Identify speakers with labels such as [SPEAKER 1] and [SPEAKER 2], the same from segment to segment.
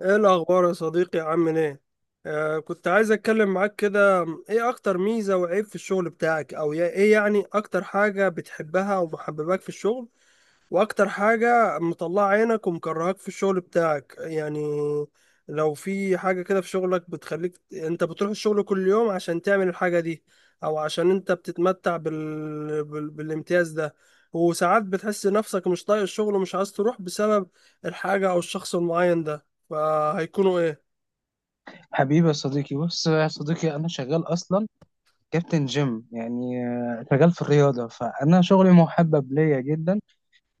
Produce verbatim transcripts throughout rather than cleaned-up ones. [SPEAKER 1] ايه الاخبار يا صديقي؟ عامل ايه؟ آه، كنت عايز اتكلم معاك كده. ايه اكتر ميزة وعيب في الشغل بتاعك؟ او يا- ايه يعني اكتر حاجة بتحبها ومحبباك في الشغل، واكتر حاجة مطلعة عينك ومكرهاك في الشغل بتاعك يعني؟ لو في حاجة كده في شغلك بتخليك انت بتروح الشغل كل يوم عشان تعمل الحاجة دي، او عشان انت بتتمتع بال... بال... بالامتياز ده، وساعات بتحس نفسك مش طايق الشغل ومش عايز تروح بسبب الحاجة او الشخص المعين ده، فهيكونوا ايه؟
[SPEAKER 2] حبيبي يا صديقي، بص يا صديقي، انا شغال اصلا كابتن جيم. يعني آه، شغال في الرياضه، فانا شغلي محبب ليا جدا.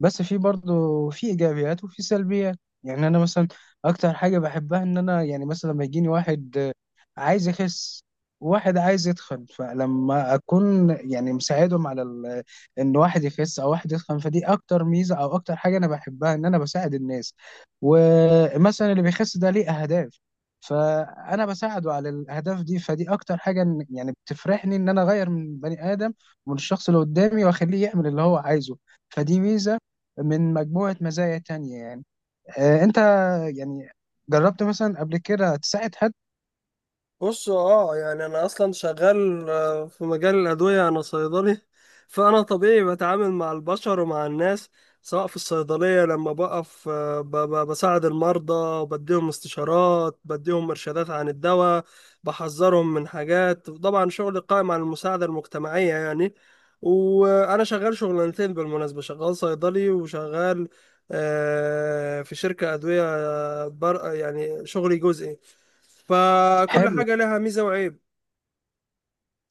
[SPEAKER 2] بس في برضه في ايجابيات وفي سلبيات. يعني انا مثلا اكتر حاجه بحبها ان انا يعني مثلا لما يجيني واحد آه، عايز يخس وواحد عايز يتخن، فلما اكون يعني مساعدهم على ال- ان واحد يخس او واحد يتخن، فدي اكتر ميزه او اكتر حاجه انا بحبها، ان انا بساعد الناس. ومثلا اللي بيخس ده ليه اهداف، فانا بساعده على الاهداف دي. فدي اكتر حاجه إن- يعني بتفرحني، ان انا اغير من بني ادم ومن الشخص اللي قدامي واخليه يعمل اللي هو عايزه. فدي ميزه من مجموعة مزايا تانية يعني. آه، انت يعني جربت مثلا قبل كده تساعد حد؟
[SPEAKER 1] بص، اه يعني انا اصلا شغال آه، في مجال الادويه، انا صيدلي. فانا طبيعي بتعامل مع البشر ومع الناس، سواء في الصيدليه لما بقف، آه، ب- ب- بساعد المرضى، بديهم استشارات، بديهم ارشادات عن الدواء، بحذرهم من حاجات. طبعا شغلي قائم على المساعده المجتمعيه يعني. وانا شغال شغلانتين بالمناسبه، شغال صيدلي وشغال آه، في شركه ادويه، آه، بر يعني شغلي جزئي. فكل
[SPEAKER 2] حلو،
[SPEAKER 1] حاجة لها ميزة وعيب.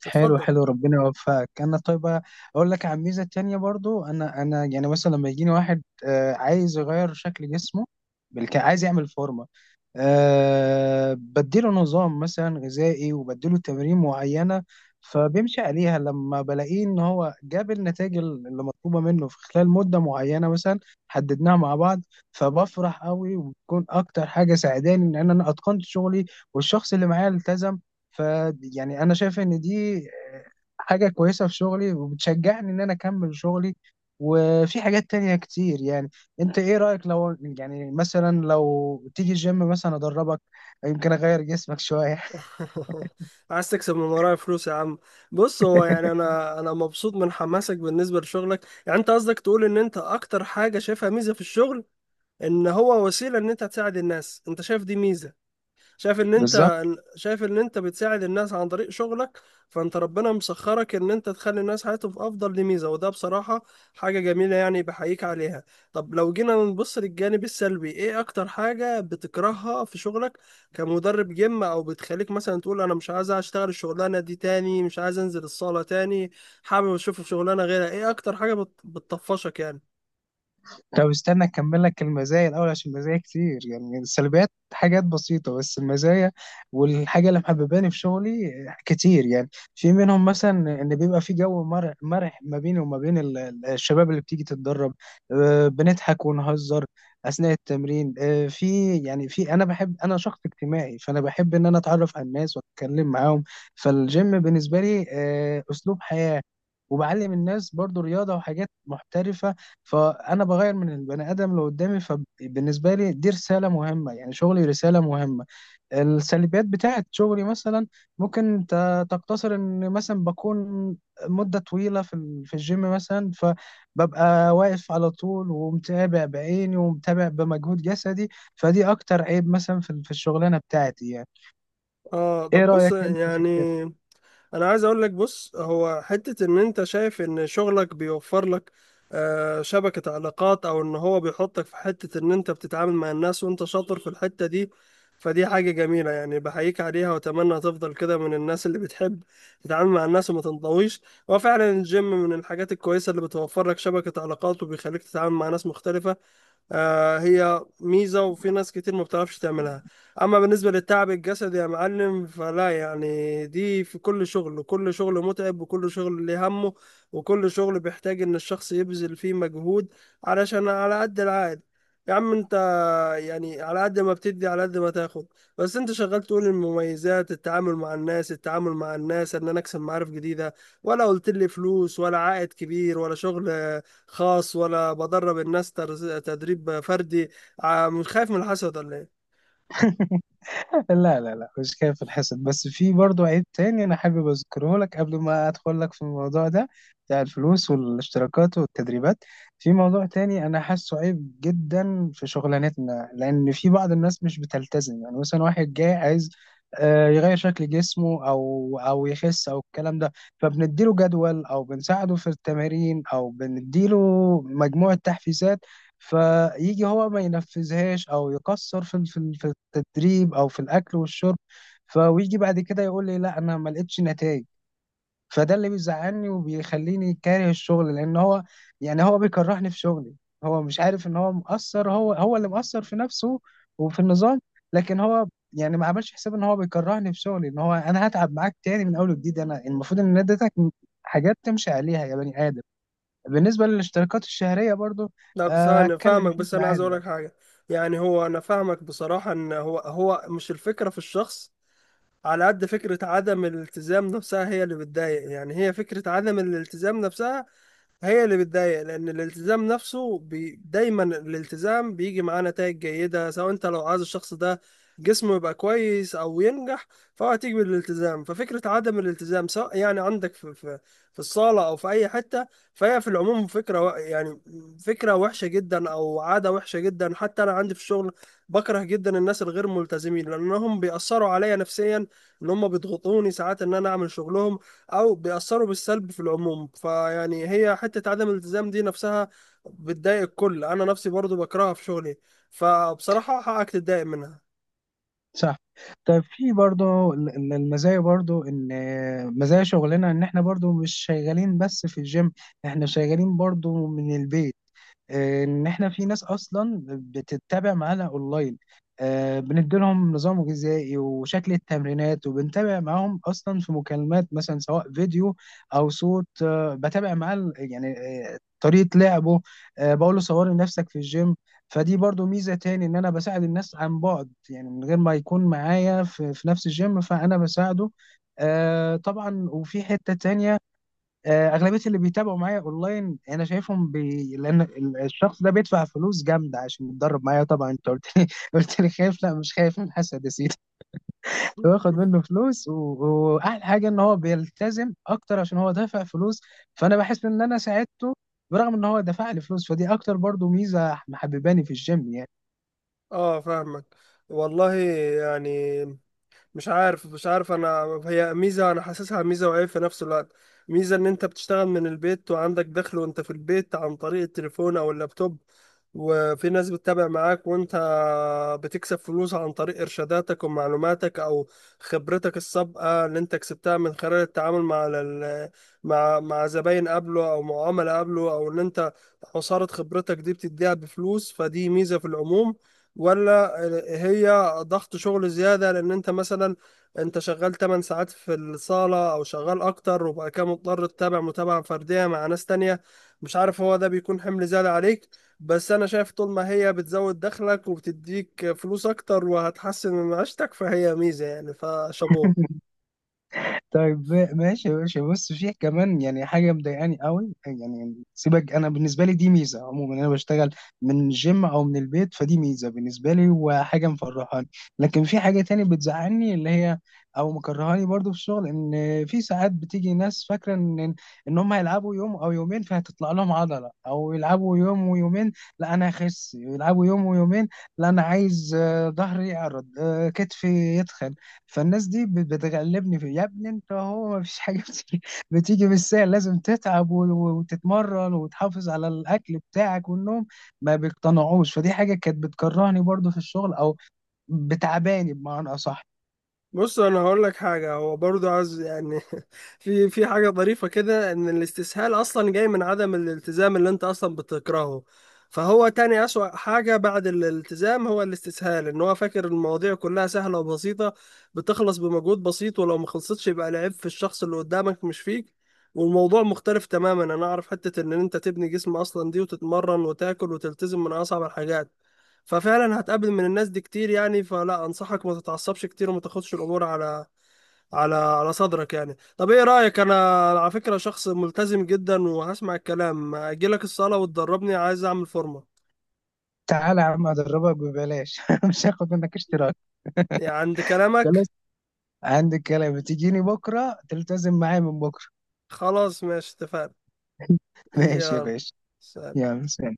[SPEAKER 2] حلو
[SPEAKER 1] اتفضل.
[SPEAKER 2] حلو، ربنا يوفقك. انا طيب اقول لك عن ميزة تانية برضو. انا انا يعني مثلا لما يجيني واحد آه، عايز يغير شكل جسمه، بالك عايز يعمل فورمة، أه بديله نظام مثلا غذائي وبديله تمارين معينة، فبيمشي عليها. لما بلاقيه ان هو جاب النتائج اللي مطلوبة منه في خلال مدة معينة مثلا حددناها مع بعض، فبفرح قوي، وبتكون اكتر حاجة ساعداني ان انا اتقنت شغلي والشخص اللي معايا التزم. ف يعني انا شايف ان دي آه، حاجة كويسة في شغلي وبتشجعني ان انا اكمل شغلي. وفي حاجات تانية كتير يعني. انت ايه رأيك لو يعني مثلا لو تيجي الجيم مثلا ادربك، يمكن اغير جسمك شوية؟
[SPEAKER 1] عايز تكسب من ورايا فلوس يا عم؟ بص، هو يعني انا انا مبسوط من حماسك بالنسبة لشغلك. يعني انت قصدك تقول ان انت اكتر حاجة شايفها ميزة في الشغل ان هو وسيلة ان انت تساعد الناس. انت شايف دي ميزة، شايف ان
[SPEAKER 2] بالظبط.
[SPEAKER 1] انت، شايف ان انت بتساعد الناس عن طريق شغلك، فانت ربنا مسخرك ان انت تخلي الناس حياتهم في افضل. دي ميزه، وده بصراحه حاجه جميله، يعني بحييك عليها. طب لو جينا نبص للجانب السلبي، ايه اكتر حاجه بتكرهها في شغلك كمدرب جيم، او بتخليك مثلا تقول انا مش عايز اشتغل الشغلانه دي تاني، مش عايز انزل الصاله تاني، حابب اشوف شغلانه غيرها؟ ايه اكتر حاجه بت- بتطفشك يعني؟
[SPEAKER 2] طب استنى اكمل لك المزايا الاول، عشان المزايا كتير يعني. السلبيات حاجات بسيطه، بس المزايا والحاجه اللي محبباني في شغلي كتير يعني. في منهم مثلا ان بيبقى في جو مر- مرح ما بيني وما بين ال- ال- الشباب اللي بتيجي تتدرب. آه، بنضحك ونهزر اثناء التمرين. آه، في يعني في انا بحب، انا شخص اجتماعي، فانا بحب ان انا اتعرف على الناس واتكلم معاهم. فالجيم بالنسبه لي آه، اسلوب حياه، وبعلم الناس برضو رياضة وحاجات محترفة. فانا بغير من البني ادم اللي قدامي، فبالنسبه لي دي رساله مهمه، يعني شغلي رساله مهمه. السلبيات بتاعت شغلي مثلا ممكن ت- تقتصر ان مثلا بكون مده طويله في ال- في الجيم مثلا، فببقى واقف على طول ومتابع بعيني ومتابع بمجهود جسدي. فدي اكتر عيب مثلا في ال- في الشغلانه بتاعتي يعني.
[SPEAKER 1] اه،
[SPEAKER 2] ايه
[SPEAKER 1] طب بص،
[SPEAKER 2] رايك انت في
[SPEAKER 1] يعني
[SPEAKER 2] الكلام؟
[SPEAKER 1] انا عايز اقول لك، بص هو حتة ان انت شايف ان شغلك بيوفر لك آه، شبكة علاقات، او ان هو بيحطك في حتة ان انت بتتعامل مع الناس وانت شاطر في الحتة دي، فدي حاجة جميلة يعني، بحييك عليها، واتمنى تفضل كده من الناس اللي بتحب تتعامل مع الناس وما تنطويش. هو فعلا الجيم من الحاجات الكويسة اللي بتوفر لك شبكة علاقات وبيخليك تتعامل مع ناس مختلفة. آه، هي ميزة وفي ناس كتير ما بتعرفش تعملها. أما بالنسبة للتعب الجسدي يا معلم فلا، يعني دي في كل شغل، وكل شغل متعب، وكل شغل ليه همه، وكل شغل بيحتاج إن الشخص يبذل فيه مجهود، علشان على قد العائد يا عم أنت، يعني على قد ما بتدي على قد ما تاخد. بس انت شغال تقول المميزات، التعامل مع الناس، التعامل مع الناس، ان انا اكسب معارف جديدة، ولا قلت لي فلوس ولا عائد كبير ولا شغل خاص ولا بدرب الناس تر- تدريب فردي. ع- مش خايف من الحسد ولا ايه؟
[SPEAKER 2] لا لا لا، مش خايف الحسد. بس في برضو عيب تاني انا حابب اذكره لك قبل ما ادخل لك في الموضوع ده بتاع الفلوس والاشتراكات والتدريبات. في موضوع تاني انا حاسه عيب جدا في شغلانتنا، لان في بعض الناس مش بتلتزم. يعني مثلا واحد جاي عايز آه، يغير شكل جسمه او او يخس او الكلام ده، فبنديله جدول او بنساعده في التمارين او بنديله مجموعة تحفيزات، فيجي هو ما ينفذهاش او يقصر في في في التدريب او في الاكل والشرب، فويجي بعد كده يقول لي: لا انا ما لقيتش نتائج. فده اللي بيزعلني وبيخليني كاره الشغل، لان هو يعني هو بيكرهني في شغلي. هو مش عارف ان هو مقصر، هو هو اللي مقصر في نفسه وفي النظام. لكن هو يعني ما عملش حساب ان هو بيكرهني في شغلي، ان هو انا هتعب معاك تاني من اول وجديد. انا المفروض ان أنا اديتك حاجات تمشي عليها يا بني ادم. بالنسبة للاشتراكات الشهرية برضو
[SPEAKER 1] لا بس
[SPEAKER 2] آه،
[SPEAKER 1] انا
[SPEAKER 2] هتكلم
[SPEAKER 1] فاهمك،
[SPEAKER 2] فيك
[SPEAKER 1] بس انا
[SPEAKER 2] معاها
[SPEAKER 1] عايز اقول لك
[SPEAKER 2] دلوقتي.
[SPEAKER 1] حاجة. يعني هو، انا فاهمك بصراحة، ان هو هو مش الفكرة في الشخص على قد فكرة عدم الالتزام نفسها هي اللي بتضايق. يعني هي فكرة عدم الالتزام نفسها هي اللي بتضايق، لان الالتزام نفسه بي... دايما الالتزام بيجي معاه نتائج جيده، سواء انت لو عايز الشخص ده جسمه يبقى كويس او ينجح، فهو هتيجي بالالتزام. ففكره عدم الالتزام سواء يعني عندك في في في الصاله او في اي حته، فهي في العموم فكره و... يعني فكره وحشه جدا او عاده وحشه جدا. حتى انا عندي في الشغل بكره جدا الناس الغير ملتزمين، لانهم بيأثروا عليا نفسيا، ان هم بيضغطوني ساعات ان انا اعمل شغلهم، او بيأثروا بالسلب في العموم. فيعني هي حتة عدم الالتزام دي نفسها بتضايق الكل، انا نفسي برضو بكرهها في شغلي، فبصراحة حقك تتضايق منها.
[SPEAKER 2] صح. طيب في برضو ال- ال- المزايا برضو، ان آه، مزايا شغلنا ان احنا برضو مش شغالين بس في الجيم، احنا شغالين برضو من البيت. ان احنا في ناس اصلا بتتابع معانا اونلاين، آه، بنديلهم نظام غذائي وشكل التمرينات وبنتابع معاهم اصلا في مكالمات مثلا، سواء فيديو او صوت. آه، بتابع معاه ال- يعني آه، طريقة لعبه. آه، بقول له: صوري نفسك في الجيم. فدي برضو ميزة تاني، ان انا بساعد الناس عن بعد يعني، من غير ما يكون معايا في, في نفس الجيم، فانا بساعده آه، طبعا. وفي حتة تانية آه، اغلبيه اللي بيتابعوا معايا اونلاين انا شايفهم بي... لان ال- الشخص ده بيدفع فلوس جامده عشان يتدرب معايا. طبعا انت قلت لي قلت لي خايف، لا مش خايف من حسد يا سيدي. باخد منه فلوس و... واحلى حاجه ان هو بيلتزم اكتر عشان هو دافع فلوس، فانا بحس ان انا ساعدته برغم ان هو دفع لي فلوس. فدي اكتر برضو ميزه محبباني في الجيم يعني.
[SPEAKER 1] اه فاهمك. والله يعني مش عارف مش عارف انا، هي ميزه، انا حاسسها ميزه وعيب في نفس الوقت. ميزه ان انت بتشتغل من البيت وعندك دخل وانت في البيت عن طريق التليفون او اللابتوب، وفي ناس بتتابع معاك وانت بتكسب فلوس عن طريق ارشاداتك ومعلوماتك او خبرتك السابقه اللي انت كسبتها من خلال التعامل مع ال- مع مع زباين قبله او معامله قبله، او ان انت عصاره خبرتك دي بتديها بفلوس، فدي ميزه في العموم. ولا هي ضغط شغل زيادة؟ لأن أنت مثلا أنت شغال تمن ساعات في الصالة أو شغال أكتر، وبقى كده مضطر تتابع متابعة فردية مع ناس تانية، مش عارف هو ده بيكون حمل زيادة عليك. بس أنا شايف طول ما هي بتزود دخلك وبتديك فلوس أكتر وهتحسن من معيشتك فهي ميزة يعني، فشابوه.
[SPEAKER 2] طيب ما- ماشي يا باشا. بص فيه كمان يعني حاجه مضايقاني قوي. يعني سيبك، انا بالنسبه لي دي ميزه عموما، انا بشتغل من الجيم او من البيت، فدي ميزه بالنسبه لي وحاجه مفرحاني. لكن في حاجه تاني بتزعلني، اللي هي او مكرهاني برضو في الشغل، ان في ساعات بتيجي ناس فاكره ان ان هم هيلعبوا يوم او يومين فهتطلع لهم عضله، او يلعبوا يوم ويومين لا انا هخس، يلعبوا يوم ويومين لا انا عايز آه، ظهري يعرض، آه، كتفي يتخن. فالناس دي بت- بتغلبني في. يا ابني انت، هو ما فيش حاجه بتيجي بتيجي بالسهل، لازم تتعب و- وتتمرن وتحافظ على الاكل بتاعك والنوم. ما بيقتنعوش. فدي حاجه كانت بتكرهني برضو في الشغل، او بتعباني بمعنى اصح.
[SPEAKER 1] بص، انا هقول لك حاجه، هو برضه عايز يعني في في حاجه ظريفه كده، ان الاستسهال اصلا جاي من عدم الالتزام اللي انت اصلا بتكرهه. فهو تاني اسوأ حاجه بعد الالتزام هو الاستسهال، ان هو فاكر المواضيع كلها سهله وبسيطه، بتخلص بمجهود بسيط، ولو ما خلصتش يبقى العيب في الشخص اللي قدامك مش فيك. والموضوع مختلف تماما، انا اعرف حته ان انت تبني جسم اصلا دي وتتمرن وتاكل وتلتزم من اصعب الحاجات. ففعلا هتقابل من الناس دي كتير يعني، فلا انصحك ما تتعصبش كتير وما تاخدش الامور على على على صدرك يعني. طب ايه رايك، انا على فكره شخص ملتزم جدا، وهسمع الكلام، اجي لك الصاله وتدربني، عايز اعمل فورمه.
[SPEAKER 2] تعالى يا عم ادربك ببلاش مش هاخد منك اشتراك.
[SPEAKER 1] يعني عند
[SPEAKER 2] خلاص،
[SPEAKER 1] كلامك؟
[SPEAKER 2] عندك كلام، تجيني بكره تلتزم معايا من بكره.
[SPEAKER 1] خلاص، ماشي، اتفقنا.
[SPEAKER 2] ماشي يا
[SPEAKER 1] يلا،
[SPEAKER 2] باشا.
[SPEAKER 1] سلام.
[SPEAKER 2] يلا سلام.